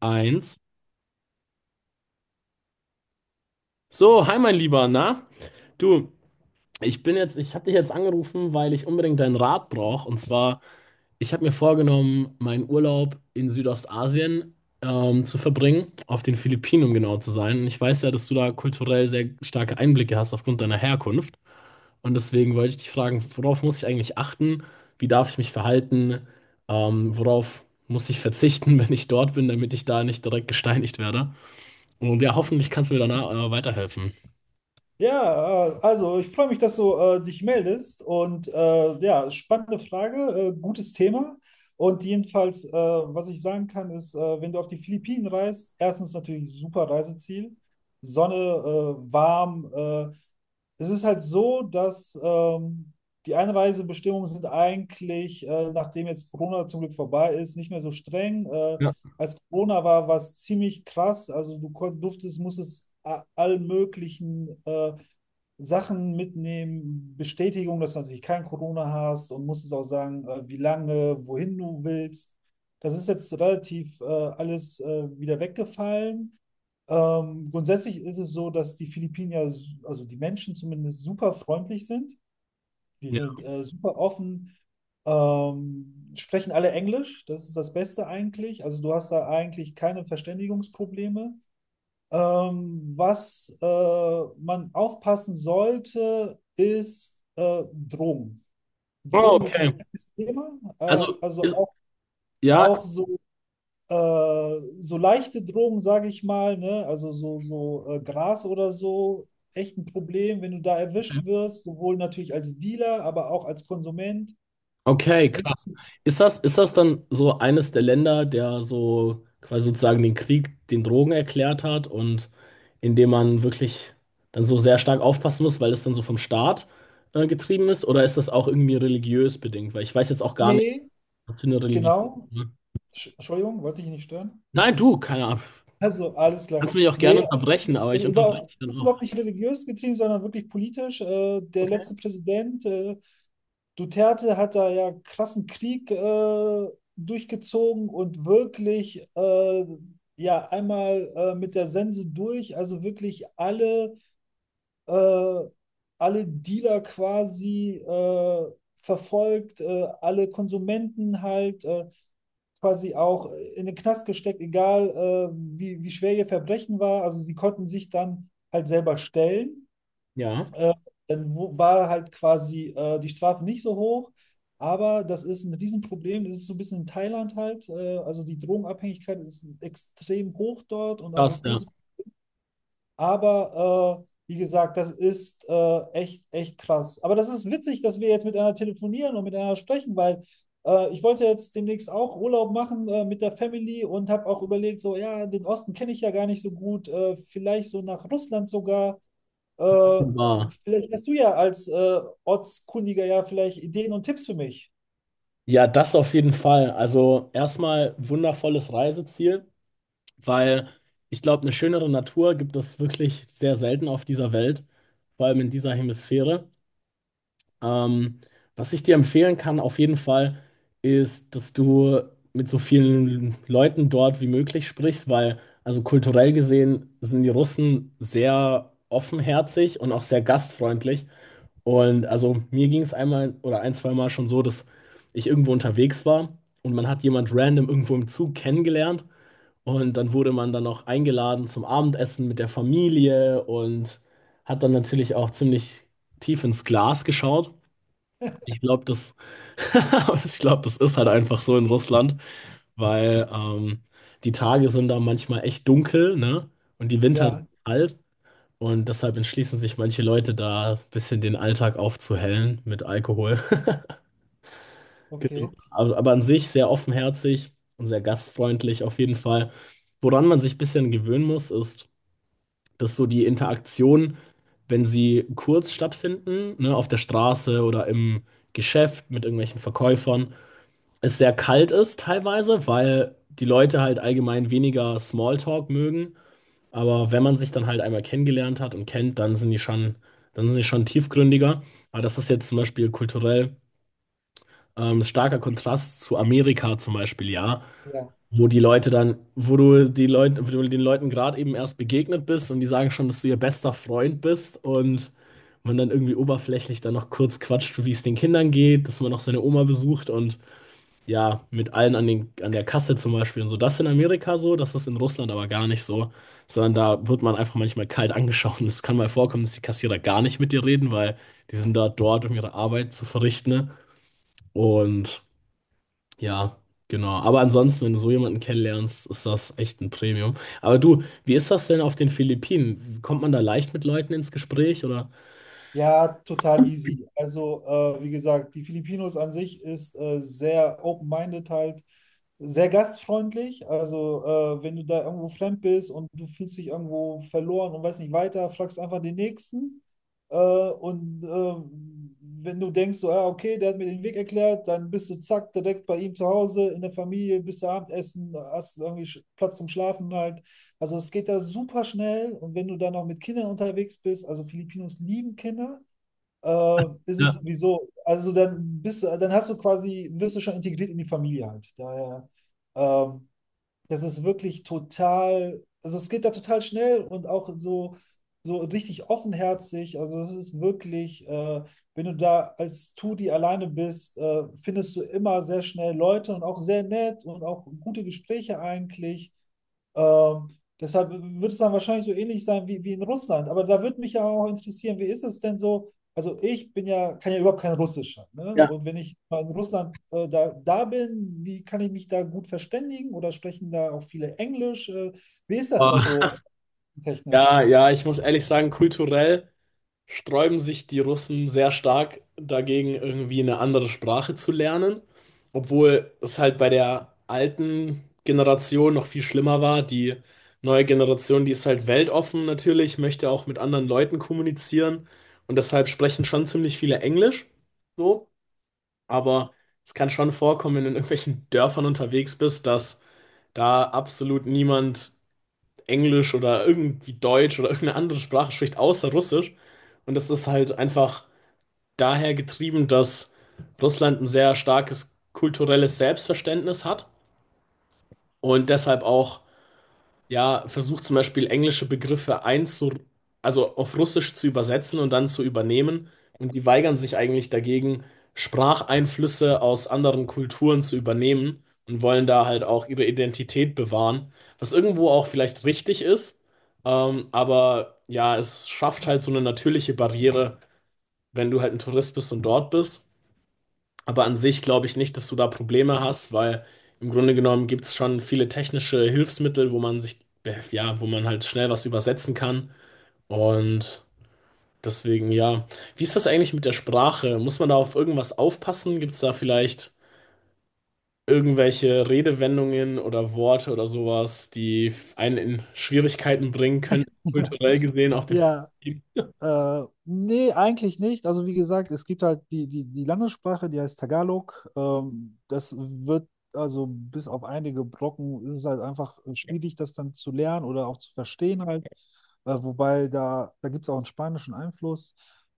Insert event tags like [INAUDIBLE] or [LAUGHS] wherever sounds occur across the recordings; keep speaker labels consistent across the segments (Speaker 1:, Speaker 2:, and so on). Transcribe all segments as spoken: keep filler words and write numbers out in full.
Speaker 1: Eins. So, hi mein Lieber, na? Du, ich bin jetzt, ich habe dich jetzt angerufen, weil ich unbedingt deinen Rat brauche. Und zwar, ich habe mir vorgenommen, meinen Urlaub in Südostasien ähm, zu verbringen, auf den Philippinen, um genau zu sein. Und ich weiß ja, dass du da kulturell sehr starke Einblicke hast aufgrund deiner Herkunft. Und deswegen wollte ich dich fragen, worauf muss ich eigentlich achten? Wie darf ich mich verhalten? Ähm, worauf muss ich verzichten, [LAUGHS] wenn ich dort bin, damit ich da nicht direkt gesteinigt werde? Und ja, hoffentlich kannst du mir danach äh, weiterhelfen.
Speaker 2: Ja, äh, also ich freue mich, dass du äh, dich meldest und äh, ja, spannende Frage, äh, gutes Thema. Und jedenfalls, äh, was ich sagen kann, ist, äh, wenn du auf die Philippinen reist, erstens natürlich super Reiseziel, Sonne, äh, warm. Äh, es ist halt so, dass ähm, die Einreisebestimmungen sind eigentlich, äh, nachdem jetzt Corona zum Glück vorbei ist, nicht mehr so streng. Äh,
Speaker 1: Ja.
Speaker 2: als Corona war, war es ziemlich krass. Also du konnt- durftest, musstest a- all möglichen äh, Sachen mitnehmen, Bestätigung, dass du natürlich kein Corona hast und musstest auch sagen, äh, wie lange, wohin du willst. Das ist jetzt relativ äh, alles äh, wieder weggefallen. Ähm, grundsätzlich ist es so, dass die Philippiner, s- also die Menschen zumindest, super freundlich sind. Die
Speaker 1: Ja.
Speaker 2: sind äh, super offen, ähm, sprechen alle Englisch, das ist das Beste eigentlich. Also du hast da eigentlich keine Verständigungsprobleme. Ähm, was äh, man aufpassen sollte, ist äh, Drogen.
Speaker 1: Oh,
Speaker 2: Drogen ist ein
Speaker 1: okay.
Speaker 2: heikles Thema. Äh,
Speaker 1: Also,
Speaker 2: also auch,
Speaker 1: ja,
Speaker 2: auch so, äh, so leichte Drogen, sage ich mal, ne? Also so, so äh, Gras oder so, echt ein Problem, wenn du da
Speaker 1: ja,
Speaker 2: erwischt wirst, sowohl natürlich als Dealer, aber auch als Konsument.
Speaker 1: okay, krass. Ist das, ist das dann so eines der Länder, der so quasi sozusagen den Krieg den Drogen erklärt hat und in dem man wirklich dann so sehr stark aufpassen muss, weil es dann so vom Staat äh, getrieben ist? Oder ist das auch irgendwie religiös bedingt? Weil ich weiß jetzt auch gar nicht,
Speaker 2: Nee,
Speaker 1: was für eine Religion.
Speaker 2: genau. Sch- Entschuldigung, wollte ich nicht stören.
Speaker 1: Nein, du, keine Ahnung.
Speaker 2: Also, alles klar.
Speaker 1: Kannst mich auch
Speaker 2: Nee,
Speaker 1: gerne unterbrechen,
Speaker 2: es
Speaker 1: aber
Speaker 2: ist,
Speaker 1: ich unterbreche
Speaker 2: über,
Speaker 1: dich
Speaker 2: es
Speaker 1: dann
Speaker 2: ist
Speaker 1: auch.
Speaker 2: überhaupt nicht religiös getrieben, sondern wirklich politisch. Äh, der
Speaker 1: Okay.
Speaker 2: letzte Präsident, äh, Duterte, hat da ja krassen Krieg äh, durchgezogen und wirklich äh, ja einmal äh, mit der Sense durch, also wirklich alle, äh, alle Dealer quasi äh, verfolgt, äh, alle Konsumenten halt. Äh, quasi auch in den Knast gesteckt, egal äh, wie, wie schwer ihr Verbrechen war. Also sie konnten sich dann halt selber stellen.
Speaker 1: Ja,
Speaker 2: Äh, Dann wo- war halt quasi äh, die Strafe nicht so hoch. Aber das ist ein Riesenproblem. Das ist so ein bisschen in Thailand halt. Äh, also die Drogenabhängigkeit ist extrem hoch dort und auch ein
Speaker 1: krass, ja.
Speaker 2: großes. Aber äh, wie gesagt, das ist äh, echt, echt krass. Aber das ist witzig, dass wir jetzt miteinander telefonieren und miteinander sprechen, weil äh, ich wollte jetzt demnächst auch Urlaub machen äh, mit der Family und habe auch überlegt, so, ja, den Osten kenne ich ja gar nicht so gut, äh, vielleicht so nach Russland sogar. Äh,
Speaker 1: Wunderbar.
Speaker 2: Vielleicht hast du ja als äh, Ortskundiger ja vielleicht Ideen und Tipps für mich.
Speaker 1: Ja, das auf jeden Fall. Also erstmal wundervolles Reiseziel, weil ich glaube, eine schönere Natur gibt es wirklich sehr selten auf dieser Welt, vor allem in dieser Hemisphäre. Ähm, Was ich dir empfehlen kann, auf jeden Fall, ist, dass du mit so vielen Leuten dort wie möglich sprichst, weil also kulturell gesehen sind die Russen sehr offenherzig und auch sehr gastfreundlich. Und also mir ging es einmal oder ein, zwei Mal schon so, dass ich irgendwo unterwegs war und man hat jemand random irgendwo im Zug kennengelernt und dann wurde man dann auch eingeladen zum Abendessen mit der Familie und hat dann natürlich auch ziemlich tief ins Glas geschaut. Ich glaube, das, [LAUGHS] ich glaube, das ist halt einfach so in Russland, weil ähm, die Tage sind da manchmal echt dunkel, ne? Und die Winter sind
Speaker 2: Ja,
Speaker 1: kalt. Und deshalb entschließen sich manche Leute da, ein bisschen den Alltag aufzuhellen mit Alkohol. [LAUGHS] Genau.
Speaker 2: okay.
Speaker 1: Aber, aber an sich sehr offenherzig und sehr gastfreundlich auf jeden Fall. Woran man sich ein bisschen gewöhnen muss, ist, dass so die Interaktion, wenn sie kurz stattfinden, ne, auf der Straße oder im Geschäft mit irgendwelchen Verkäufern, es sehr kalt ist teilweise, weil die Leute halt allgemein weniger Smalltalk mögen, aber wenn man sich dann halt einmal kennengelernt hat und kennt, dann sind die schon, dann sind die schon tiefgründiger. Aber das ist jetzt zum Beispiel kulturell ähm, starker Kontrast zu Amerika zum Beispiel, ja.
Speaker 2: Ja.
Speaker 1: Wo die Leute dann, wo du die Leute, wo du den Leuten gerade eben erst begegnet bist und die sagen schon, dass du ihr bester Freund bist und man dann irgendwie oberflächlich dann noch kurz quatscht, wie es den Kindern geht, dass man noch seine Oma besucht und ja, mit allen an den, an der Kasse zum Beispiel und so. Das ist in Amerika so, das ist in Russland aber gar nicht so. Sondern da wird man einfach manchmal kalt angeschaut. Und es kann mal vorkommen, dass die Kassierer gar nicht mit dir reden, weil die sind da dort, um ihre Arbeit zu verrichten. Ne? Und ja, genau. Aber ansonsten, wenn du so jemanden kennenlernst, ist das echt ein Premium. Aber du, wie ist das denn auf den Philippinen? Kommt man da leicht mit Leuten ins Gespräch oder?
Speaker 2: Ja, total easy. Also, äh, wie gesagt, die Filipinos an sich ist äh, sehr open-minded halt, sehr gastfreundlich. Also, äh, wenn du da irgendwo fremd bist und du fühlst dich irgendwo verloren und weißt nicht weiter, fragst einfach den Nächsten. Äh, und äh, wenn du denkst, so, ah, okay, der hat mir den Weg erklärt, dann bist du zack, direkt bei ihm zu Hause, in der Familie, bis zum Abendessen, hast irgendwie Sch- Platz zum Schlafen halt. Also es geht da super schnell und wenn du dann noch mit Kindern unterwegs bist, also Filipinos lieben Kinder, äh, ist es
Speaker 1: Ja,
Speaker 2: sowieso, also dann bist du, dann hast du quasi, wirst du schon integriert in die Familie halt. Daher ähm, das ist wirklich total, also es geht da total schnell und auch so, so richtig offenherzig. Also es ist wirklich, äh, wenn du da als Tudi alleine bist, äh, findest du immer sehr schnell Leute und auch sehr nett und auch gute Gespräche eigentlich. Ähm, Deshalb wird es dann wahrscheinlich so ähnlich sein wie, wie in Russland. Aber da würde mich ja auch interessieren, wie ist es denn so? Also ich bin ja, kann ja überhaupt kein Russisch. Ne?
Speaker 1: ja.
Speaker 2: Und wenn ich mal in Russland äh, da, da bin, wie kann ich mich da gut verständigen oder sprechen da auch viele Englisch? Äh, wie ist das da
Speaker 1: Ah,
Speaker 2: so technisch?
Speaker 1: Ja, ja, ich muss ehrlich sagen, kulturell sträuben sich die Russen sehr stark dagegen, irgendwie eine andere Sprache zu lernen, obwohl es halt bei der alten Generation noch viel schlimmer war. Die neue Generation, die ist halt weltoffen natürlich, möchte auch mit anderen Leuten kommunizieren und deshalb sprechen schon ziemlich viele Englisch, so, aber es kann schon vorkommen, wenn du in irgendwelchen Dörfern unterwegs bist, dass da absolut niemand Englisch oder irgendwie Deutsch oder irgendeine andere Sprache spricht, außer Russisch. Und das ist halt einfach daher getrieben, dass Russland ein sehr starkes kulturelles Selbstverständnis hat und deshalb auch ja, versucht zum Beispiel englische Begriffe einzu, also auf Russisch zu übersetzen und dann zu übernehmen. Und die weigern sich eigentlich dagegen, Spracheinflüsse aus anderen Kulturen zu übernehmen und wollen da halt auch ihre Identität bewahren, was irgendwo auch vielleicht richtig ist. Ähm, aber ja, es schafft halt so eine natürliche Barriere, wenn du halt ein Tourist bist und dort bist. Aber an sich glaube ich nicht, dass du da Probleme hast, weil im Grunde genommen gibt es schon viele technische Hilfsmittel, wo man sich, äh, ja, wo man halt schnell was übersetzen kann. Und deswegen, ja. Wie ist das eigentlich mit der Sprache? Muss man da auf irgendwas aufpassen? Gibt es da vielleicht irgendwelche Redewendungen oder Worte oder sowas, die einen in Schwierigkeiten bringen können, kulturell
Speaker 2: [LAUGHS]
Speaker 1: gesehen, auf den
Speaker 2: Ja,
Speaker 1: Film?
Speaker 2: Äh, nee, eigentlich nicht. Also wie gesagt, es gibt halt die, die, die Landessprache, die heißt Tagalog. Ähm, das wird, also bis auf einige Brocken, ist es halt einfach schwierig, das dann zu lernen oder auch zu verstehen halt. Äh, wobei da, da gibt es auch einen spanischen Einfluss.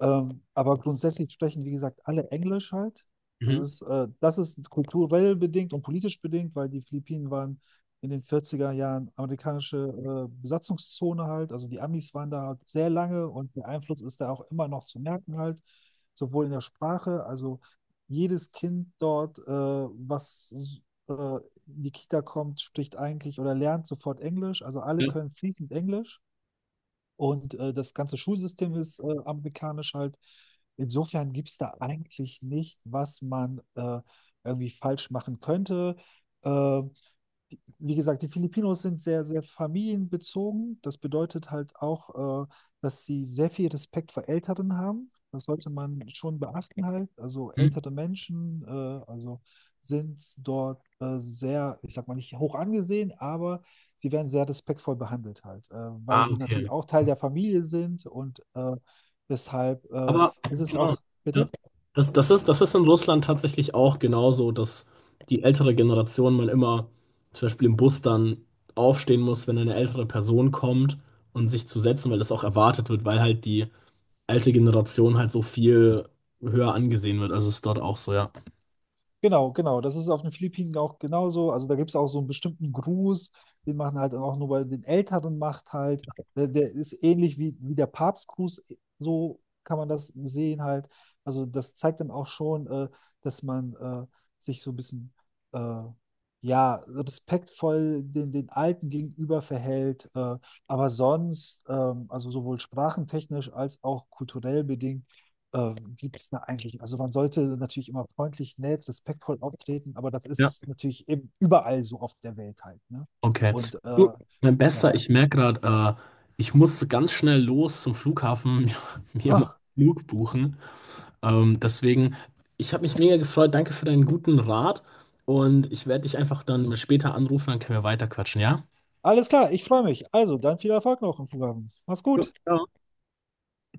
Speaker 2: Ähm, aber grundsätzlich sprechen, wie gesagt, alle Englisch halt. Das
Speaker 1: Mhm.
Speaker 2: ist, äh, das ist kulturell bedingt und politisch bedingt, weil die Philippinen waren in den vierziger Jahren amerikanische äh, Besatzungszone halt. Also die Amis waren da halt sehr lange und der Einfluss ist da auch immer noch zu merken halt, sowohl in der Sprache, also jedes Kind dort, äh, was äh, in die Kita kommt, spricht eigentlich oder lernt sofort Englisch. Also alle
Speaker 1: Ja.
Speaker 2: können fließend Englisch und äh, das ganze Schulsystem ist äh, amerikanisch halt. Insofern gibt es da eigentlich nicht, was man äh, irgendwie falsch machen könnte. Äh, die- Wie gesagt, die Filipinos sind sehr, sehr familienbezogen. Das bedeutet halt auch, äh, dass sie sehr viel Respekt vor Älteren haben. Das sollte man schon beachten halt. Also
Speaker 1: Mhm.
Speaker 2: ältere Menschen, äh, also sind dort äh, sehr, ich sag mal nicht hoch angesehen, aber sie werden sehr respektvoll behandelt halt, äh, weil
Speaker 1: Ah,
Speaker 2: die natürlich
Speaker 1: okay.
Speaker 2: auch Teil der Familie sind und äh, deshalb äh,
Speaker 1: Aber
Speaker 2: ist es
Speaker 1: genau,
Speaker 2: auch,
Speaker 1: ja.
Speaker 2: bitte?
Speaker 1: Das, das ist, das ist in Russland tatsächlich auch genauso, dass die ältere Generation man immer zum Beispiel im Bus dann aufstehen muss, wenn eine ältere Person kommt und sich zu setzen, weil das auch erwartet wird, weil halt die alte Generation halt so viel höher angesehen wird. Also ist dort auch so, ja.
Speaker 2: Genau, genau. Das ist auf den Philippinen auch genauso. Also da gibt es auch so einen bestimmten Gruß, den machen halt auch nur bei den Älteren macht halt. Der, der ist ähnlich wie, wie der Papstgruß, äh, so kann man das sehen halt. Also das zeigt dann auch schon, äh, dass man äh, sich so ein bisschen äh, ja, respektvoll den, den Alten gegenüber verhält. Äh, aber sonst, ähm, also sowohl sprachentechnisch als auch kulturell bedingt, ähm, gibt es da eigentlich? Also man sollte natürlich immer freundlich, nett, respektvoll auftreten, aber das
Speaker 1: Ja.
Speaker 2: ist natürlich eben überall so auf der Welt halt, ne?
Speaker 1: Okay.
Speaker 2: Und
Speaker 1: Du,
Speaker 2: äh,
Speaker 1: mein
Speaker 2: ja.
Speaker 1: Bester, ich merke gerade, äh, ich muss ganz schnell los zum Flughafen [LAUGHS] mir, mir mal
Speaker 2: Ah,
Speaker 1: einen Flug buchen. Ähm, deswegen, ich habe mich mega gefreut. Danke für deinen guten Rat. Und ich werde dich einfach dann später anrufen, dann können wir weiterquatschen, ja?
Speaker 2: alles klar, ich freue mich. Also, dann viel Erfolg noch im Programm. Mach's
Speaker 1: Ja,
Speaker 2: gut.
Speaker 1: ja.